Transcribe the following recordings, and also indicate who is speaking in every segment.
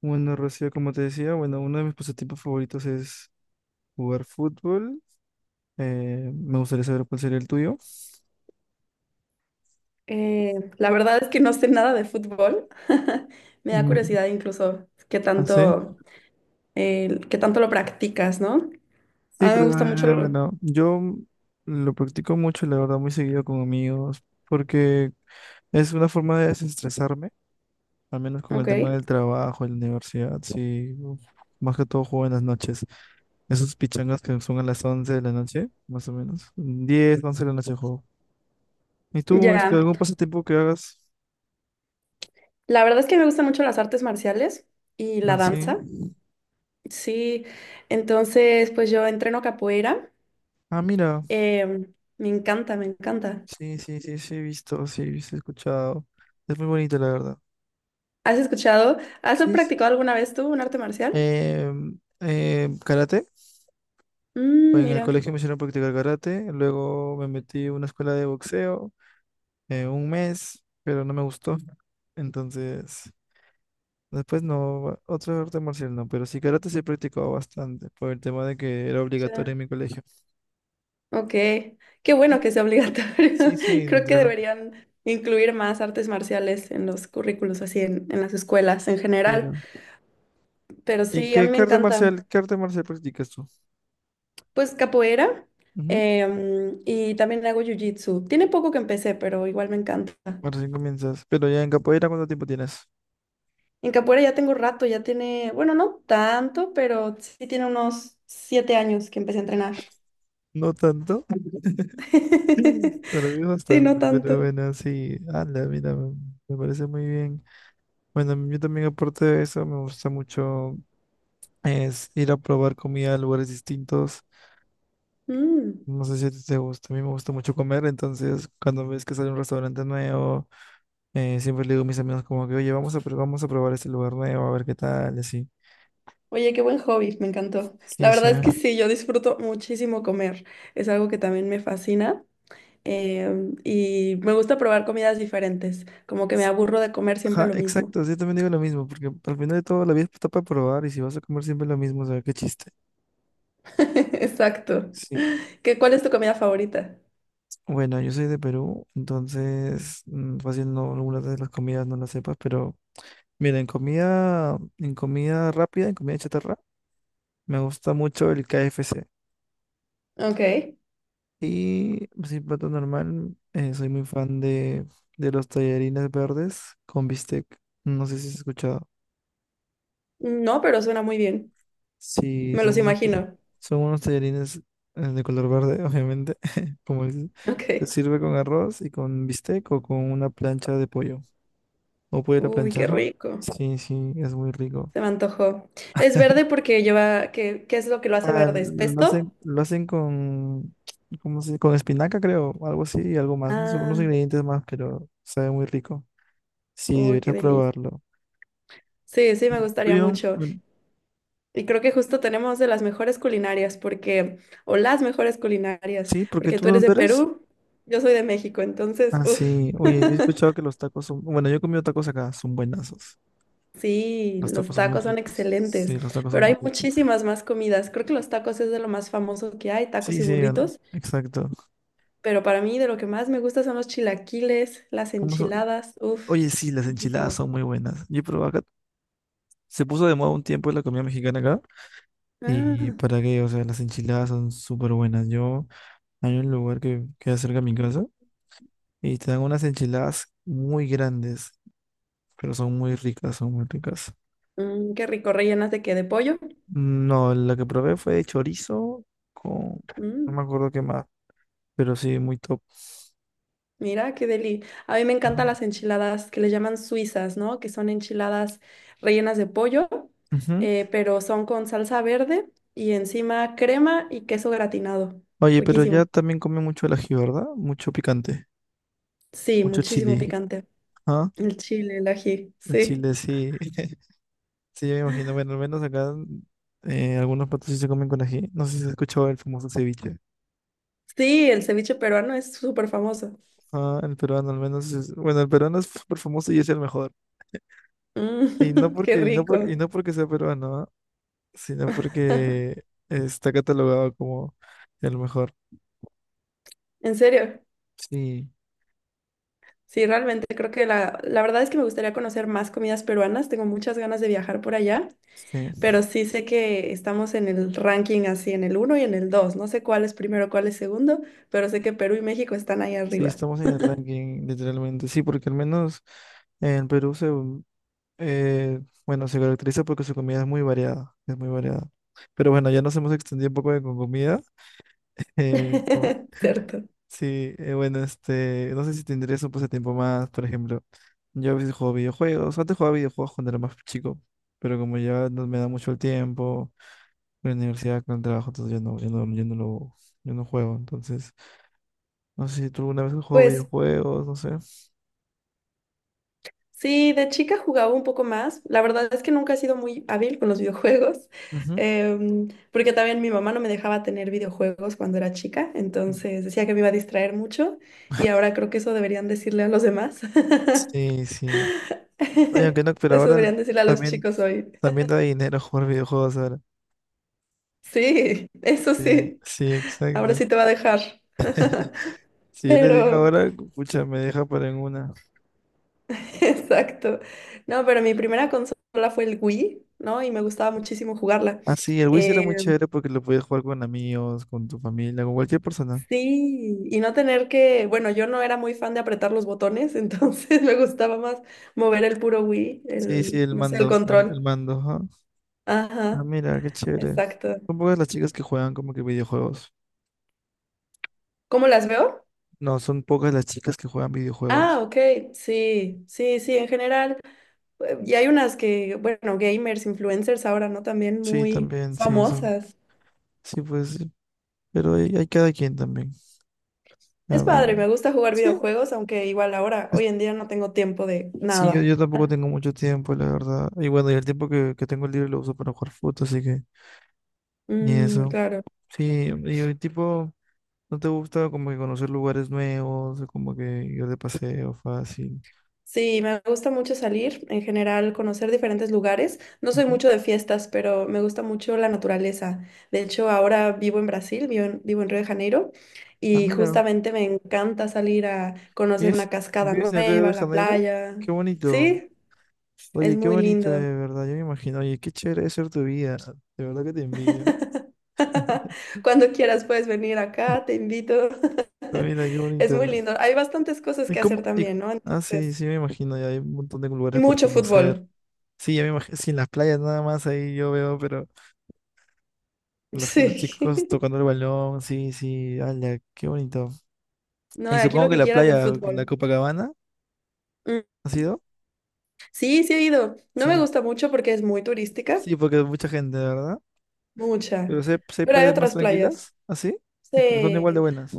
Speaker 1: Bueno, Rocío, como te decía, bueno, uno de mis pasatiempos favoritos es jugar fútbol. Me gustaría saber cuál sería el tuyo.
Speaker 2: La verdad es que no sé nada de fútbol. Me da
Speaker 1: Mm.
Speaker 2: curiosidad incluso
Speaker 1: No sé.
Speaker 2: qué tanto lo practicas, ¿no? A
Speaker 1: Sí,
Speaker 2: mí me
Speaker 1: pero
Speaker 2: gusta mucho lo-
Speaker 1: bueno, yo lo practico mucho, la verdad, muy seguido con amigos, porque es una forma de desestresarme, al menos con el
Speaker 2: Ok,
Speaker 1: tema del trabajo, en la universidad, sí. Uf. Más que todo juego en las noches. Esos pichangas que son a las 11 de la noche, más o menos. 10 11 de la noche juego. ¿Y tú, este,
Speaker 2: ya.
Speaker 1: algún pasatiempo que hagas?
Speaker 2: La verdad es que me gustan mucho las artes marciales y la
Speaker 1: Ah, sí.
Speaker 2: danza. Sí, entonces pues yo entreno capoeira.
Speaker 1: Ah, mira.
Speaker 2: Me encanta, me encanta.
Speaker 1: Sí, sí, sí, sí, he visto, sí, sí, he escuchado. Es muy bonito, la verdad.
Speaker 2: ¿Has escuchado? ¿Has
Speaker 1: Sí, sí.
Speaker 2: practicado alguna vez tú un arte marcial?
Speaker 1: Karate.
Speaker 2: Mm,
Speaker 1: Pues en el
Speaker 2: mira.
Speaker 1: colegio me hicieron practicar karate. Luego me metí a una escuela de boxeo un mes, pero no me gustó. Entonces, después no, otro arte marcial no, pero sí karate sí he practicado bastante por el tema de que era obligatorio en mi colegio.
Speaker 2: Ok, qué bueno que sea
Speaker 1: Sí,
Speaker 2: obligatorio.
Speaker 1: sí,
Speaker 2: Creo que
Speaker 1: entre lo-
Speaker 2: deberían incluir más artes marciales en los currículos, así en las escuelas en general.
Speaker 1: pero-
Speaker 2: Pero
Speaker 1: ¿Y
Speaker 2: sí, a
Speaker 1: qué,
Speaker 2: mí me
Speaker 1: qué arte
Speaker 2: encanta.
Speaker 1: marcial, qué arte marcial practicas tú?
Speaker 2: Pues capoeira, y también hago jiu-jitsu. Tiene poco que empecé, pero igual me encanta.
Speaker 1: Recién comienzas. Pero ya en capoeira, ¿cuánto tiempo tienes?
Speaker 2: En capoeira ya tengo rato, ya tiene, bueno, no tanto, pero sí tiene unos 7 años que empecé a entrenar.
Speaker 1: No tanto. Para mí
Speaker 2: Sí, no
Speaker 1: bastante,
Speaker 2: tanto.
Speaker 1: pero bueno, sí. Ala, mira, me parece muy bien. Bueno, yo también aparte de eso, me gusta mucho es ir a probar comida a lugares distintos.
Speaker 2: Mm.
Speaker 1: No sé si a ti te gusta, a mí me gusta mucho comer, entonces cuando ves que sale un restaurante nuevo, siempre le digo a mis amigos como que, oye, vamos a probar este lugar nuevo, a ver qué tal, y así.
Speaker 2: Oye, qué buen hobby, me encantó. La
Speaker 1: Sí, sí,
Speaker 2: verdad es
Speaker 1: a
Speaker 2: que sí, yo disfruto muchísimo comer. Es algo que también me fascina. Y me gusta probar comidas diferentes. Como que me aburro de comer siempre
Speaker 1: Ajá,
Speaker 2: lo mismo.
Speaker 1: exacto, sí, yo también digo lo mismo, porque al final de todo la vida está para probar y si vas a comer siempre lo mismo, o sea, qué chiste.
Speaker 2: Exacto.
Speaker 1: Sí.
Speaker 2: ¿Qué, cuál es tu comida favorita?
Speaker 1: Bueno, yo soy de Perú, entonces fácil no, algunas de las comidas no las sepas, pero mira, en comida rápida, en comida chatarra, me gusta mucho el KFC.
Speaker 2: Ok.
Speaker 1: Y sin plato normal, soy muy fan de los tallarines verdes con bistec. No sé si has escuchado.
Speaker 2: No, pero suena muy bien.
Speaker 1: Sí,
Speaker 2: Me los
Speaker 1: son unos, ta-
Speaker 2: imagino.
Speaker 1: son unos tallarines de color verde, obviamente, como dices.
Speaker 2: Ok.
Speaker 1: Se sirve con arroz y con bistec o con una plancha de pollo. ¿O pollo a la
Speaker 2: Uy, qué
Speaker 1: planchaja?
Speaker 2: rico.
Speaker 1: Sí, sí, es muy rico.
Speaker 2: Se me antojó. Es verde porque lleva. ¿Qué, qué es lo que lo hace
Speaker 1: Ah,
Speaker 2: verde? ¿Es
Speaker 1: lo
Speaker 2: pesto?
Speaker 1: hacen, lo hacen con, ¿cómo se dice? Con espinaca, creo, algo así y algo más. No sé, unos
Speaker 2: Ah,
Speaker 1: ingredientes más, pero sabe muy rico. Sí,
Speaker 2: uy, qué
Speaker 1: deberías
Speaker 2: delicia.
Speaker 1: probarlo.
Speaker 2: Sí, sí,
Speaker 1: ¿Y
Speaker 2: me
Speaker 1: el
Speaker 2: gustaría
Speaker 1: tuyo?
Speaker 2: mucho.
Speaker 1: Bueno,
Speaker 2: Y creo que justo tenemos de las mejores culinarias, porque, o las mejores culinarias,
Speaker 1: sí, ¿porque
Speaker 2: porque
Speaker 1: tú
Speaker 2: tú eres
Speaker 1: dónde
Speaker 2: de
Speaker 1: eres?
Speaker 2: Perú, yo soy de México, entonces,
Speaker 1: Ah,
Speaker 2: uff,
Speaker 1: sí. Oye, yo he escuchado que los tacos son. Bueno, yo he comido tacos acá, son buenazos.
Speaker 2: sí,
Speaker 1: Los tacos
Speaker 2: los
Speaker 1: son muy
Speaker 2: tacos son
Speaker 1: ricos. Sí,
Speaker 2: excelentes,
Speaker 1: los tacos son
Speaker 2: pero
Speaker 1: muy
Speaker 2: hay
Speaker 1: ricos.
Speaker 2: muchísimas más comidas. Creo que los tacos es de lo más famoso que hay, tacos y burritos,
Speaker 1: Exacto.
Speaker 2: pero para mí de lo que más me gusta son los chilaquiles, las
Speaker 1: ¿Cómo son?
Speaker 2: enchiladas, uff,
Speaker 1: Oye, sí, las enchiladas
Speaker 2: riquísimo.
Speaker 1: son muy buenas. Yo probé acá. Se puso de moda un tiempo la comida mexicana acá. Y
Speaker 2: Ah,
Speaker 1: para qué, o sea, las enchiladas son súper buenas. Yo, hay un lugar que queda cerca de mi casa y te dan unas enchiladas muy grandes, pero son muy ricas, son muy ricas.
Speaker 2: mm, qué rico, rellenas de qué, de pollo.
Speaker 1: No, la que probé fue de chorizo con. No
Speaker 2: Mm.
Speaker 1: me acuerdo qué más, pero sí, muy top.
Speaker 2: Mira, qué deli. A mí me
Speaker 1: Ajá.
Speaker 2: encantan las enchiladas que le llaman suizas, ¿no? Que son enchiladas rellenas de pollo,
Speaker 1: Ujú.
Speaker 2: pero son con salsa verde y encima crema y queso gratinado.
Speaker 1: Oye, pero
Speaker 2: Riquísimo.
Speaker 1: ya también come mucho el ají, ¿verdad? Mucho picante,
Speaker 2: Sí,
Speaker 1: mucho
Speaker 2: muchísimo
Speaker 1: chile.
Speaker 2: picante.
Speaker 1: ¿Ah?
Speaker 2: El chile, el ají,
Speaker 1: En
Speaker 2: sí.
Speaker 1: Chile sí, sí, yo me imagino. Bueno, al menos acá algunos platos sí se comen con ají. No sé si has escuchado el famoso ceviche.
Speaker 2: Sí, el ceviche peruano es súper famoso.
Speaker 1: Ah, el peruano al menos es. Bueno, el peruano es súper famoso y es el mejor. Y no
Speaker 2: Mm, qué
Speaker 1: porque, y no porque,
Speaker 2: rico.
Speaker 1: y no porque sea peruano, ¿ah? Sino porque está catalogado como el mejor.
Speaker 2: En serio.
Speaker 1: Sí,
Speaker 2: Sí, realmente creo que la verdad es que me gustaría conocer más comidas peruanas. Tengo muchas ganas de viajar por allá.
Speaker 1: sí,
Speaker 2: Pero sí sé que estamos en el ranking así, en el uno y en el dos. No sé cuál es primero, cuál es segundo, pero sé que Perú y México están ahí
Speaker 1: sí,
Speaker 2: arriba.
Speaker 1: estamos en el ranking, literalmente. Sí, porque al menos en Perú se Eh, bueno, se caracteriza porque su comida es muy variada, es muy variada. Pero bueno, ya nos hemos extendido un poco de con comida. Eh,
Speaker 2: Cierto.
Speaker 1: sí, bueno, este, no sé si te interesa un pasatiempo más, por ejemplo. Yo a veces juego videojuegos, antes jugaba videojuegos cuando era más chico, pero como ya no me da mucho el tiempo, con la universidad, con el trabajo, entonces ya no lo, yo no juego. Entonces, no sé si tú alguna vez has jugado
Speaker 2: Pues
Speaker 1: videojuegos, no sé.
Speaker 2: sí, de chica jugaba un poco más. La verdad es que nunca he sido muy hábil con los videojuegos,
Speaker 1: Ujú.
Speaker 2: porque también mi mamá no me dejaba tener videojuegos cuando era chica, entonces decía que me iba a distraer mucho y ahora creo que eso deberían decirle a los demás.
Speaker 1: Sí, sí. Oye, aunque no, pero
Speaker 2: Eso
Speaker 1: ahora
Speaker 2: deberían decirle a los
Speaker 1: también,
Speaker 2: chicos hoy.
Speaker 1: también da dinero jugar videojuegos ahora.
Speaker 2: Sí, eso
Speaker 1: Sí,
Speaker 2: sí.
Speaker 1: sí,
Speaker 2: Ahora
Speaker 1: exacto.
Speaker 2: sí te va a dejar.
Speaker 1: Si yo le digo
Speaker 2: Pero
Speaker 1: ahora, pucha, me deja para en una.
Speaker 2: exacto. No, pero mi primera consola fue el Wii, ¿no? Y me gustaba muchísimo jugarla.
Speaker 1: Ah, sí, el Wiz era muy
Speaker 2: Eh,
Speaker 1: chévere porque lo podías jugar con amigos, con tu familia, con cualquier persona.
Speaker 2: sí, y no tener que, bueno, yo no era muy fan de apretar los botones, entonces me gustaba más mover el puro Wii,
Speaker 1: Sí, sí,
Speaker 2: el,
Speaker 1: el
Speaker 2: no sé, el
Speaker 1: mando, el
Speaker 2: control.
Speaker 1: mando, ajá. Ah,
Speaker 2: Ajá,
Speaker 1: mira, qué chévere.
Speaker 2: exacto.
Speaker 1: Son pocas las chicas que juegan como que videojuegos.
Speaker 2: ¿Cómo las veo?
Speaker 1: No, son pocas las chicas que juegan
Speaker 2: Ah,
Speaker 1: videojuegos.
Speaker 2: ok, sí, sí, sí, en general. Y hay unas que, bueno, gamers, influencers ahora, ¿no? También
Speaker 1: Sí,
Speaker 2: muy
Speaker 1: también, sí, son.
Speaker 2: famosas.
Speaker 1: Sí, pues, sí. Pero hay cada quien también. A
Speaker 2: Es padre,
Speaker 1: ver.
Speaker 2: me gusta jugar
Speaker 1: Sí.
Speaker 2: videojuegos, aunque igual ahora, hoy en día no tengo tiempo de
Speaker 1: Sí, yo,
Speaker 2: nada.
Speaker 1: yo tampoco tengo mucho tiempo, la verdad. Y bueno, y el tiempo que tengo libre lo uso para jugar fútbol, así que ni
Speaker 2: Mm,
Speaker 1: eso.
Speaker 2: claro.
Speaker 1: Sí, y el tipo, ¿no te gusta como que conocer lugares nuevos, o como que ir de paseo fácil?
Speaker 2: Sí, me gusta mucho salir, en general, conocer diferentes lugares. No soy
Speaker 1: Ujú.
Speaker 2: mucho de fiestas, pero me gusta mucho la naturaleza. De hecho, ahora vivo en Brasil, vivo en Río de Janeiro,
Speaker 1: Ah,
Speaker 2: y
Speaker 1: mira,
Speaker 2: justamente me encanta salir a conocer
Speaker 1: ¿vives,
Speaker 2: una cascada
Speaker 1: vives en Río de
Speaker 2: nueva, la
Speaker 1: Janeiro?
Speaker 2: playa.
Speaker 1: Qué bonito.
Speaker 2: Sí, es
Speaker 1: Oye, qué
Speaker 2: muy
Speaker 1: bonito,
Speaker 2: lindo.
Speaker 1: de verdad. Yo me imagino, oye, qué chévere es ser tu vida. De verdad que te envidio.
Speaker 2: Cuando quieras puedes venir acá, te invito.
Speaker 1: Mira, qué
Speaker 2: Es muy
Speaker 1: bonito.
Speaker 2: lindo. Hay bastantes cosas
Speaker 1: ¿Y
Speaker 2: que
Speaker 1: cómo?
Speaker 2: hacer
Speaker 1: Y
Speaker 2: también, ¿no?
Speaker 1: ah, sí,
Speaker 2: Entonces,
Speaker 1: sí, me imagino, ya hay un montón de
Speaker 2: y
Speaker 1: lugares por
Speaker 2: mucho
Speaker 1: conocer.
Speaker 2: fútbol.
Speaker 1: Sí, ya me imagino, sí, en las playas nada más ahí yo veo, pero los
Speaker 2: Sí.
Speaker 1: chicos tocando el balón, sí, sí, ala, qué bonito.
Speaker 2: No,
Speaker 1: Y
Speaker 2: aquí lo
Speaker 1: supongo que
Speaker 2: que
Speaker 1: la
Speaker 2: quieras de
Speaker 1: playa, la
Speaker 2: fútbol.
Speaker 1: Copacabana,
Speaker 2: Mm.
Speaker 1: ¿ha sido?
Speaker 2: Sí, sí he ido. No me
Speaker 1: Sí,
Speaker 2: gusta mucho porque es muy turística,
Speaker 1: sí, porque hay mucha gente, ¿verdad?
Speaker 2: mucha.
Speaker 1: Pero sí hay
Speaker 2: Pero hay
Speaker 1: playas más
Speaker 2: otras
Speaker 1: tranquilas,
Speaker 2: playas,
Speaker 1: ¿así? Sí, sí, pero son igual de
Speaker 2: sí,
Speaker 1: buenas.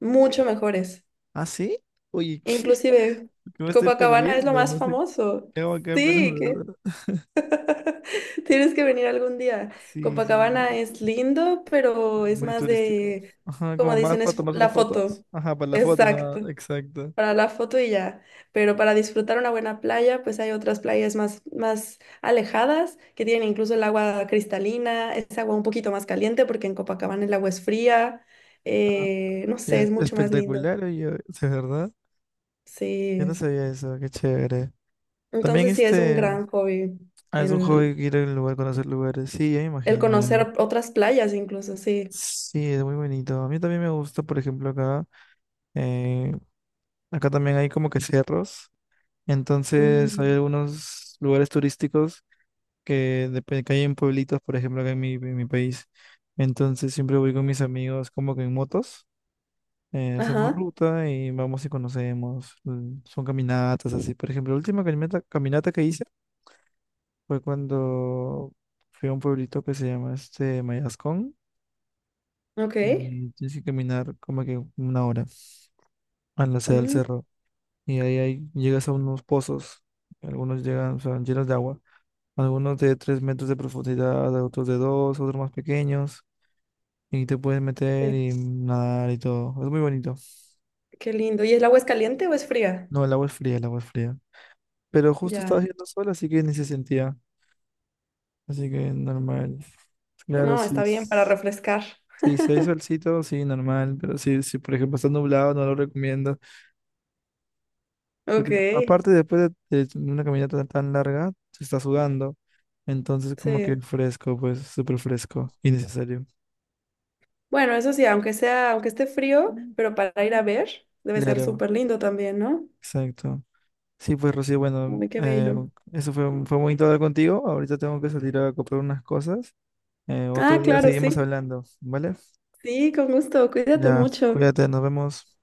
Speaker 2: mucho mejores.
Speaker 1: ¿Ah, sí? Oye, ¿qué?
Speaker 2: Inclusive,
Speaker 1: ¿Qué me estoy
Speaker 2: Copacabana es lo
Speaker 1: perdiendo?
Speaker 2: más
Speaker 1: No sé
Speaker 2: famoso.
Speaker 1: qué hago acá en Perú,
Speaker 2: Sí, que
Speaker 1: ¿verdad?
Speaker 2: tienes que venir algún día.
Speaker 1: Sí, sí,
Speaker 2: Copacabana es lindo, pero
Speaker 1: es
Speaker 2: es
Speaker 1: muy
Speaker 2: más
Speaker 1: turístico.
Speaker 2: de,
Speaker 1: Ajá,
Speaker 2: como
Speaker 1: como más
Speaker 2: dicen,
Speaker 1: para
Speaker 2: es fo-
Speaker 1: tomarse
Speaker 2: la
Speaker 1: las fotos.
Speaker 2: foto.
Speaker 1: Ajá, para la foto, nada,
Speaker 2: Exacto,
Speaker 1: exacto.
Speaker 2: para la foto y ya. Pero para disfrutar una buena playa, pues hay otras playas más, más alejadas que tienen incluso el agua cristalina, es agua un poquito más caliente porque en Copacabana el agua es fría. No
Speaker 1: Y
Speaker 2: sé,
Speaker 1: es
Speaker 2: es mucho más lindo.
Speaker 1: espectacular, oye, ¿de verdad? Yo
Speaker 2: Sí,
Speaker 1: no sabía eso, qué chévere. También
Speaker 2: entonces sí es un
Speaker 1: este,
Speaker 2: gran hobby
Speaker 1: ah, es un hobby
Speaker 2: el,
Speaker 1: ir a un lugar, conocer lugares. Sí, ya me
Speaker 2: el
Speaker 1: imagino, ya.
Speaker 2: conocer otras playas incluso, sí.
Speaker 1: Sí, es muy bonito. A mí también me gusta, por ejemplo, eh, acá también hay como que cerros. Entonces hay
Speaker 2: Mm.
Speaker 1: algunos lugares turísticos que hay en pueblitos, por ejemplo, acá en mi país. Entonces siempre voy con mis amigos como que en motos. Hacemos
Speaker 2: Ajá,
Speaker 1: ruta y vamos y conocemos. Son caminatas así. Por ejemplo, la última caminata que hice fue cuando fui a un pueblito que se llama este Mayascón
Speaker 2: ok.
Speaker 1: y tienes que caminar como que una hora a la sede del
Speaker 2: Mm,
Speaker 1: cerro. Y ahí, ahí llegas a unos pozos, algunos llegan, son llenos de agua, algunos de 3 metros de profundidad, otros de 2, otros más pequeños. Y te puedes meter
Speaker 2: sí,
Speaker 1: y nadar y todo. Es muy bonito.
Speaker 2: qué lindo. ¿Y el agua es caliente o es fría?
Speaker 1: No, el agua es fría, el agua es fría. Pero justo estaba
Speaker 2: Ya.
Speaker 1: haciendo sol, así que ni se sentía. Así que normal. Claro,
Speaker 2: No,
Speaker 1: sí.
Speaker 2: está bien para
Speaker 1: Sí,
Speaker 2: refrescar.
Speaker 1: si hay solcito, sí, normal, pero si, por ejemplo está nublado, no lo recomiendo,
Speaker 2: Ok,
Speaker 1: porque aparte después de una caminata tan, tan larga, se está sudando, entonces como que
Speaker 2: sí.
Speaker 1: fresco, pues súper fresco, innecesario.
Speaker 2: Bueno, eso sí, aunque sea, aunque esté frío, pero para ir a ver, debe ser
Speaker 1: Claro,
Speaker 2: súper lindo también, ¿no?
Speaker 1: exacto. Sí, pues Rocío, bueno,
Speaker 2: Uy, qué bello.
Speaker 1: eso fue bonito hablar contigo, ahorita tengo que salir a comprar unas cosas, otro
Speaker 2: Ah,
Speaker 1: día
Speaker 2: claro,
Speaker 1: seguimos
Speaker 2: sí.
Speaker 1: hablando, ¿vale?
Speaker 2: Sí, con gusto. Cuídate
Speaker 1: Ya,
Speaker 2: mucho.
Speaker 1: cuídate, nos vemos.